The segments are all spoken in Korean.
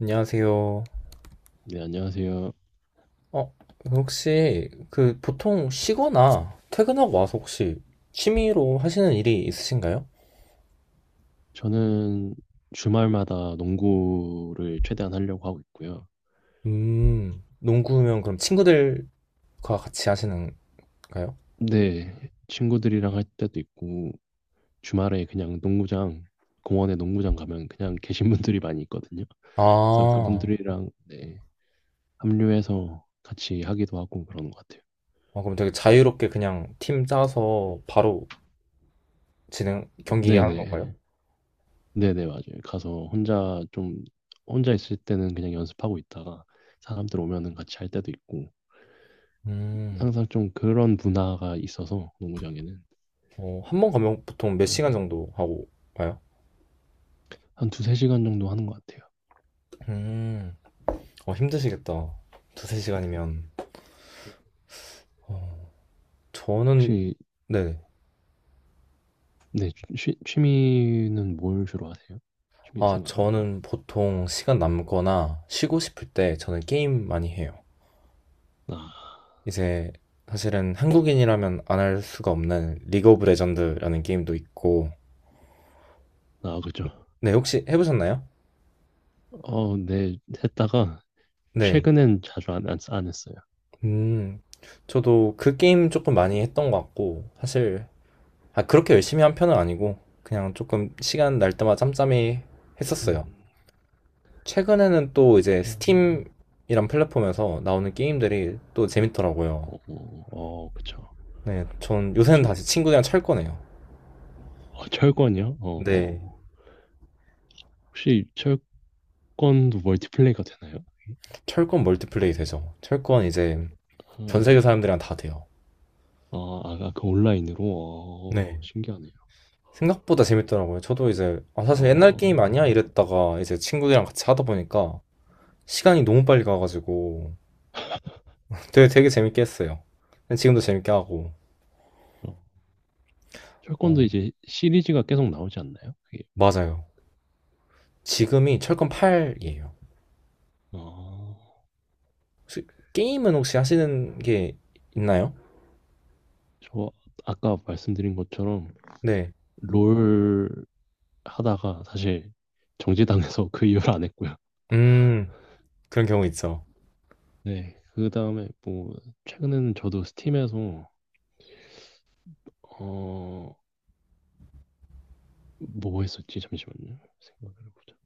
안녕하세요. 네, 안녕하세요. 어, 혹시 그 보통 쉬거나 퇴근하고 와서 혹시 취미로 하시는 일이 있으신가요? 저는 주말마다 농구를 최대한 하려고 하고 있고요. 농구면 그럼 친구들과 같이 하시는가요? 네, 친구들이랑 할 때도 있고, 주말에 그냥 농구장, 공원에 농구장 가면 그냥 계신 분들이 많이 있거든요. 아, 그래서 어, 그분들이랑 네, 합류해서 같이 하기도 하고 그러는 것 같아요. 그럼 되게 자유롭게 그냥 팀 짜서 바로 진행, 경기 하는 네네, 건가요? 네네, 맞아요. 가서 혼자 좀, 혼자 있을 때는 그냥 연습하고 있다가 사람들 오면은 같이 할 때도 있고, 음, 항상 좀 그런 문화가 있어서, 농구장에는. 한 번 가면 보통 몇 네, 시간 정도 하고 가요? 한 2~3시간 정도 하는 것 같아요. 음, 힘드시겠다. 두세 시간이면. 네. 어, 저는, 혹시, 네. 네, 취미는 뭘 주로 하세요? 취미 아, 생활은? 저는 보통 시간 남거나 쉬고 싶을 때 저는 게임 많이 해요. 아, 이제 사실은 한국인이라면 안 할 수가 없는 리그 오브 레전드라는 게임도 있고. 아, 그죠. 네, 혹시 해보셨나요? 어, 네, 했다가, 네. 최근엔 자주 안 했어요. 음, 저도 그 게임 조금 많이 했던 것 같고, 사실, 아, 그렇게 열심히 한 편은 아니고, 그냥 조금 시간 날 때마다 짬짬이 했었어요. 음, 최근에는 또 이제 나는- 스팀이란 플랫폼에서 나오는 게임들이 또 재밌더라고요. 어, 어, 그쵸. 네, 전 요새는 혹시, 다시 친구들이랑 철거네요. 어, 철권이요? 어, 어. 네. 혹시 철권도 멀티플레이가 되나요? 철권 멀티플레이 되죠. 철권 이제 전 어, 세계 사람들이랑 다 돼요. 어, 아, 그 온라인으로? 어, 네. 신기하네요. 생각보다 재밌더라고요. 저도 이제 사실 옛날 게임 어, 아니야 이랬다가 이제 친구들이랑 같이 하다 보니까 시간이 너무 빨리 가가지고 되게 되게 재밌게 했어요. 근데 지금도 재밌게 하고. 어. 철권도 어, 이제 시리즈가 계속 나오지 않나요? 그게. 맞아요. 지금이 철권 8이에요. 어. 혹시 게임은 혹시 하시는 게 있나요? 저 아까 말씀드린 것처럼 네. 롤 하다가 사실 정지당해서 그 이후로 안 했고요. 음, 그런 경우 있죠. 네, 그 다음에 뭐 최근에는 저도 스팀에서 어 뭐 했었지? 잠시만요. 생각을 해보자.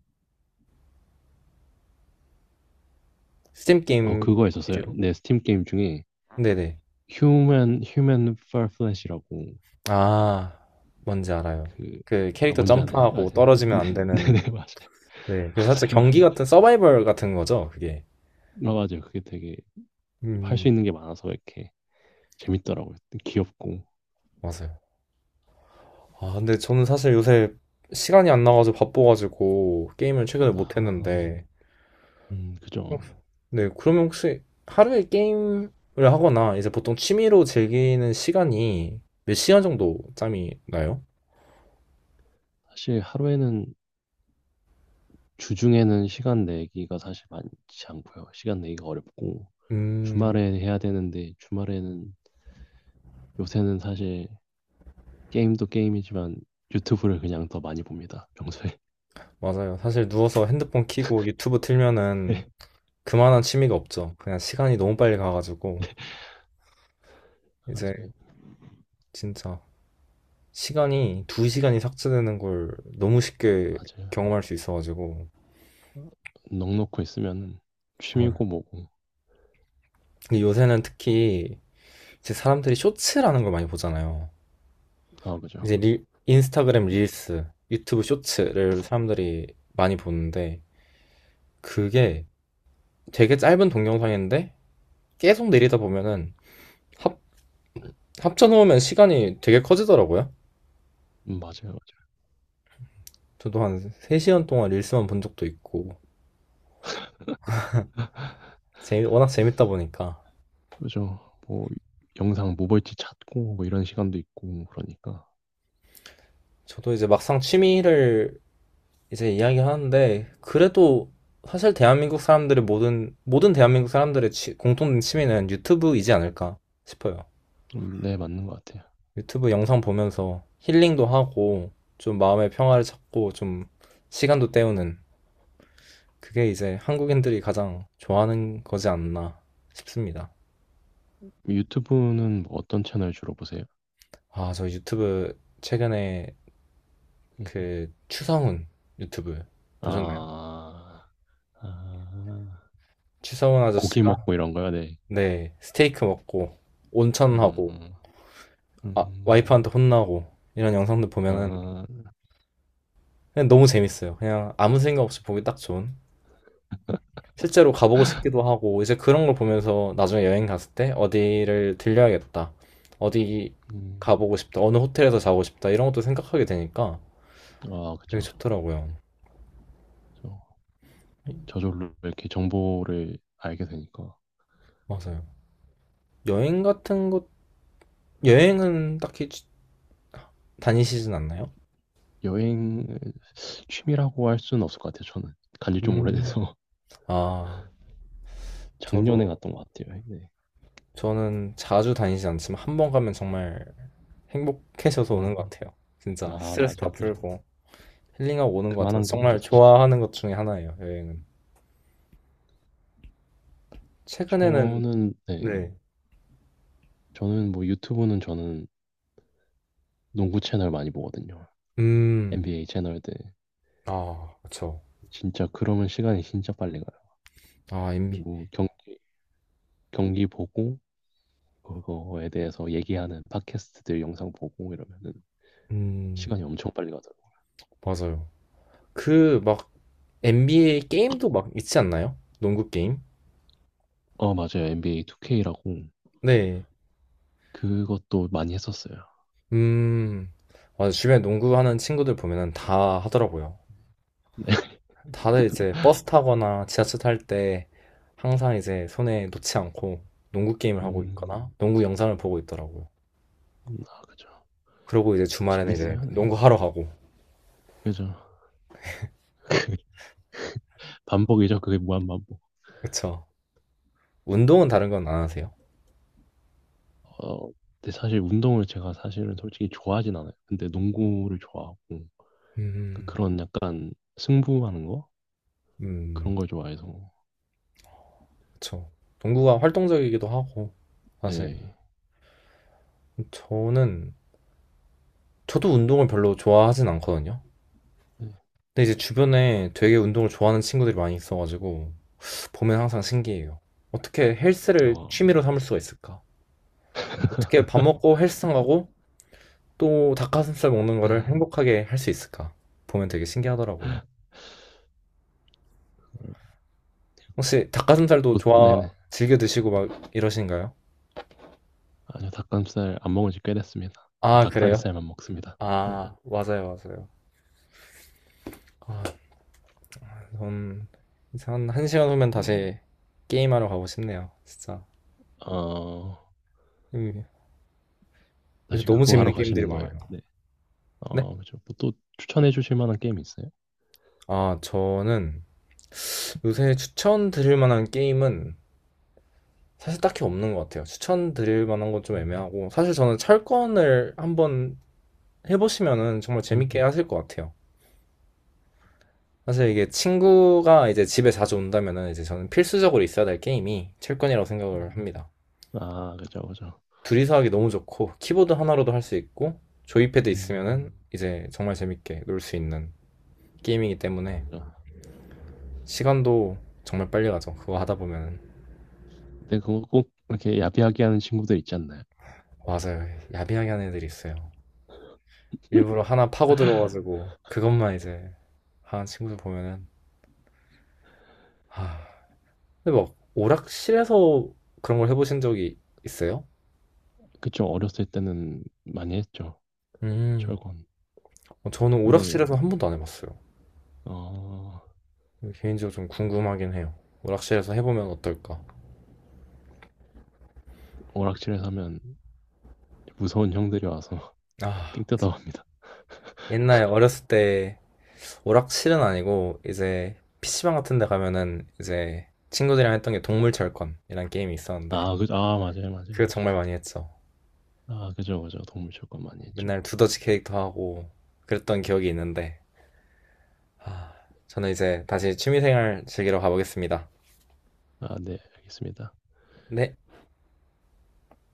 스팀 어 게임 그거 있었어요. 위주로. 네, 스팀 게임 중에 네네. 휴먼 파플랫이라고 아, 뭔지 알아요. 그 그 아, 캐릭터 뭔지 아나요? 점프하고 아세요? 네, 떨어지면 안 네, 네, 되는, 네, 맞아요, 네. 그 살짝 맞아요, 경기 맞아요. 같은 서바이벌 같은 거죠, 그게. 아, 맞아요. 그게 되게 할 수 음, 있는 게 많아서 이렇게 재밌더라고요. 귀엽고. 맞아요. 아, 근데 저는 사실 요새 시간이 안 나가지고 바빠가지고 게임을 최근에 못 아, 했는데, 그죠. 네, 그러면 혹시 하루에 게임을 하거나 이제 보통 취미로 즐기는 시간이 몇 시간 정도 짬이 나요? 사실 하루에는 주중에는 시간 내기가 사실 많지 않고요. 시간 내기가 어렵고 음, 주말에 해야 되는데 주말에는 요새는 사실 게임도 게임이지만 유튜브를 그냥 더 많이 봅니다. 평소에. 맞아요. 사실 누워서 핸드폰 켜고 유튜브 틀면은 네. 그만한 취미가 없죠. 그냥 시간이 너무 빨리 가가지고. 이제 맞아요. 진짜 시간이 두 시간이 삭제되는 걸 너무 쉽게 맞아요. 경험할 수 있어가지고. 어, 넋 놓고 있으면은 헐. 취미고 뭐고. 근데 요새는 특히 이제 사람들이 쇼츠라는 걸 많이 보잖아요. 아, 이제 그죠. 인스타그램 릴스, 유튜브 쇼츠를 사람들이 많이 보는데 그게 되게 짧은 동영상인데 계속 내리다 보면은 합, 합쳐놓으면 시간이 되게 커지더라고요. 맞아요. 맞아요. 저도 한 3시간 동안 릴스만 본 적도 있고 워낙 재밌다 보니까 그죠. 뭐 영상 뭐 볼지 찾고 뭐 이런 시간도 있고 그러니까. 저도 이제 막상 취미를 이제 이야기하는데 그래도 사실 대한민국 사람들의 모든 대한민국 사람들의 공통된 취미는 유튜브이지 않을까 싶어요. 네, 맞는 것 같아요. 유튜브 영상 보면서 힐링도 하고 좀 마음의 평화를 찾고 좀 시간도 때우는 그게 이제 한국인들이 가장 좋아하는 거지 않나 싶습니다. 유튜브는 뭐 어떤 채널 주로 보세요? 아, 저 유튜브 최근에 그 추성훈 유튜브 보셨나요? 아, 아, 추성훈 고기 아저씨가 먹고 이런 거요. 네. 네, 스테이크 먹고 온천하고 음, 음, 음. 와이프한테 혼나고 이런 영상들 보면은 아, 그냥 너무 재밌어요. 그냥 아무 생각 없이 보기 딱 좋은. 실제로 가보고 싶기도 하고 이제 그런 걸 보면서 나중에 여행 갔을 때 어디를 들려야겠다. 어디 음, 가보고 싶다. 어느 호텔에서 자고 싶다. 이런 것도 생각하게 되니까 아, 되게 그쵸. 좋더라고요. 저, 저절로 이렇게 정보를 알게 되니까. 맞아요. 여행 같은 것 여행은 딱히 다니시진 않나요? 여행 취미라고 할 수는 없을 것 같아요, 저는. 간지 좀 음. 오래돼서. 아, 작년에 저도 갔던 것 같아요, 네. 저는 자주 다니지 않지만 한 번 가면 정말 행복해져서 오는 것 음, 같아요. 진짜 아, 스트레스 다 맞아요, 그죠. 풀고 힐링하고 오는 것 같아서 그만한 게 없죠, 정말 사실. 좋아하는 것 중에 하나예요, 여행은. 최근에는, 저는, 네. 네. 저는 뭐 유튜브는 저는 농구 채널 많이 보거든요. 음, NBA 채널들. 아, 그쵸. 진짜 그러면 시간이 진짜 빨리 가요. 아, NBA. 뭐 경기 보고 그거에 대해서 얘기하는 팟캐스트들 영상 보고 이러면은 음, 시간이 엄청 빨리 가더라고요. 맞아요. 그, 막, NBA 게임도 막 있지 않나요? 농구 게임? 어, 맞아요. NBA 2K라고 네. 그것도 많이 했었어요. 음, 맞아. 주변에 농구하는 친구들 보면은 다 하더라고요. 네. 다들 이제 버스 타거나 지하철 탈 때 항상 이제 손에 놓지 않고 농구 게임을 하고 음, 있거나 농구 영상을 보고 있더라고요. 아, 그죠. 그러고 이제 주말에는 이제 재밌어요. 네. 농구하러 가고. 그죠. 반복이죠. 그게 무한 반복. 그쵸. 운동은 다른 건 안 하세요? 어, 근데 사실 운동을 제가 사실은 솔직히 좋아하진 않아요. 근데 농구를 좋아하고 음, 그런 약간 승부하는 거 음, 그런 걸 좋아해서 그쵸. 농구가 활동적이기도 하고, 사실. 네. 저는, 저도 운동을 별로 좋아하진 않거든요. 네. 근데 이제 주변에 되게 운동을 좋아하는 친구들이 많이 있어가지고, 보면 항상 신기해요. 어떻게 헬스를 어, 취미로 삼을 수가 있을까? 어떻게 밥 먹고 헬스장 가고, 또 닭가슴살 먹는 거를 행복하게 할 수 있을까? 보면 되게 신기하더라고요. 네. 혹시 닭가슴살도 곧, 좋아, 네네. 즐겨 드시고 막 이러신가요? 아니요, 닭가슴살 안 먹은 지 꽤 됐습니다. 전 아, 그래요? 닭다리살만 먹습니다. 네. 아, 맞아요, 맞아요. 아, 전 이제 한, 1시간 시간 후면 어, 다시 게임하러 가고 싶네요, 진짜. 어, 음, 요새 다시 너무 그거 하러 재밌는 게임들이 가시는 거예요. 많아요. 네. 네? 어, 그죠. 뭐또 추천해 주실 만한 게임 있어요? 아, 저는 요새 추천드릴 만한 게임은 사실 딱히 없는 것 같아요. 추천드릴 만한 건 좀 음. 애매하고, 사실 저는 철권을 한번 해보시면은 정말 음. 재밌게 하실 것 같아요. 사실 이게 친구가 이제 집에 자주 온다면은 이제 저는 필수적으로 있어야 될 게임이 첼권이라고 생각을 음. 합니다. 아, 그죠, 그죠. 둘이서 하기 너무 좋고 키보드 하나로도 할 수 있고 조이패드 음. 있으면은 이제 정말 재밌게 놀 수 있는 게임이기 때문에 그죠. 시간도 정말 빨리 가죠. 그거 하다 보면은 근데 그거 꼭 이렇게 야비하게 하는 친구들 있지 않나요? 맞아요. 야비하게 하는 애들이 있어요. 일부러 하나 파고 들어가지고 그것만 이제 하는 친구들 보면은 아 근데 막 오락실에서 그런 걸 해보신 적이 있어요? 그좀 어렸을 때는 많이 했죠. 음 철권. 저는 근데, 오락실에서 한 번도 안 해봤어요. 어, 개인적으로 좀 궁금하긴 해요. 오락실에서 해보면 어떨까? 오락실에서 하면 무서운 형들이 와서 아, 삥 뜯어. 옛날 어렸을 때 오락실은 아니고 이제 PC방 같은 데 가면은 이제 친구들이랑 했던 게 동물철권이란 게임이 있었는데 아, 그죠. 아, 맞아요, 맞아요, 그거 맞아요. 정말 많이 했죠. 아, 그죠, 그죠. 동물 철권 많이 했죠. 맨날 두더지 캐릭터 하고 그랬던 기억이 있는데 아, 저는 이제 다시 취미생활 즐기러 가보겠습니다. 아, 네, 알겠습니다. 네.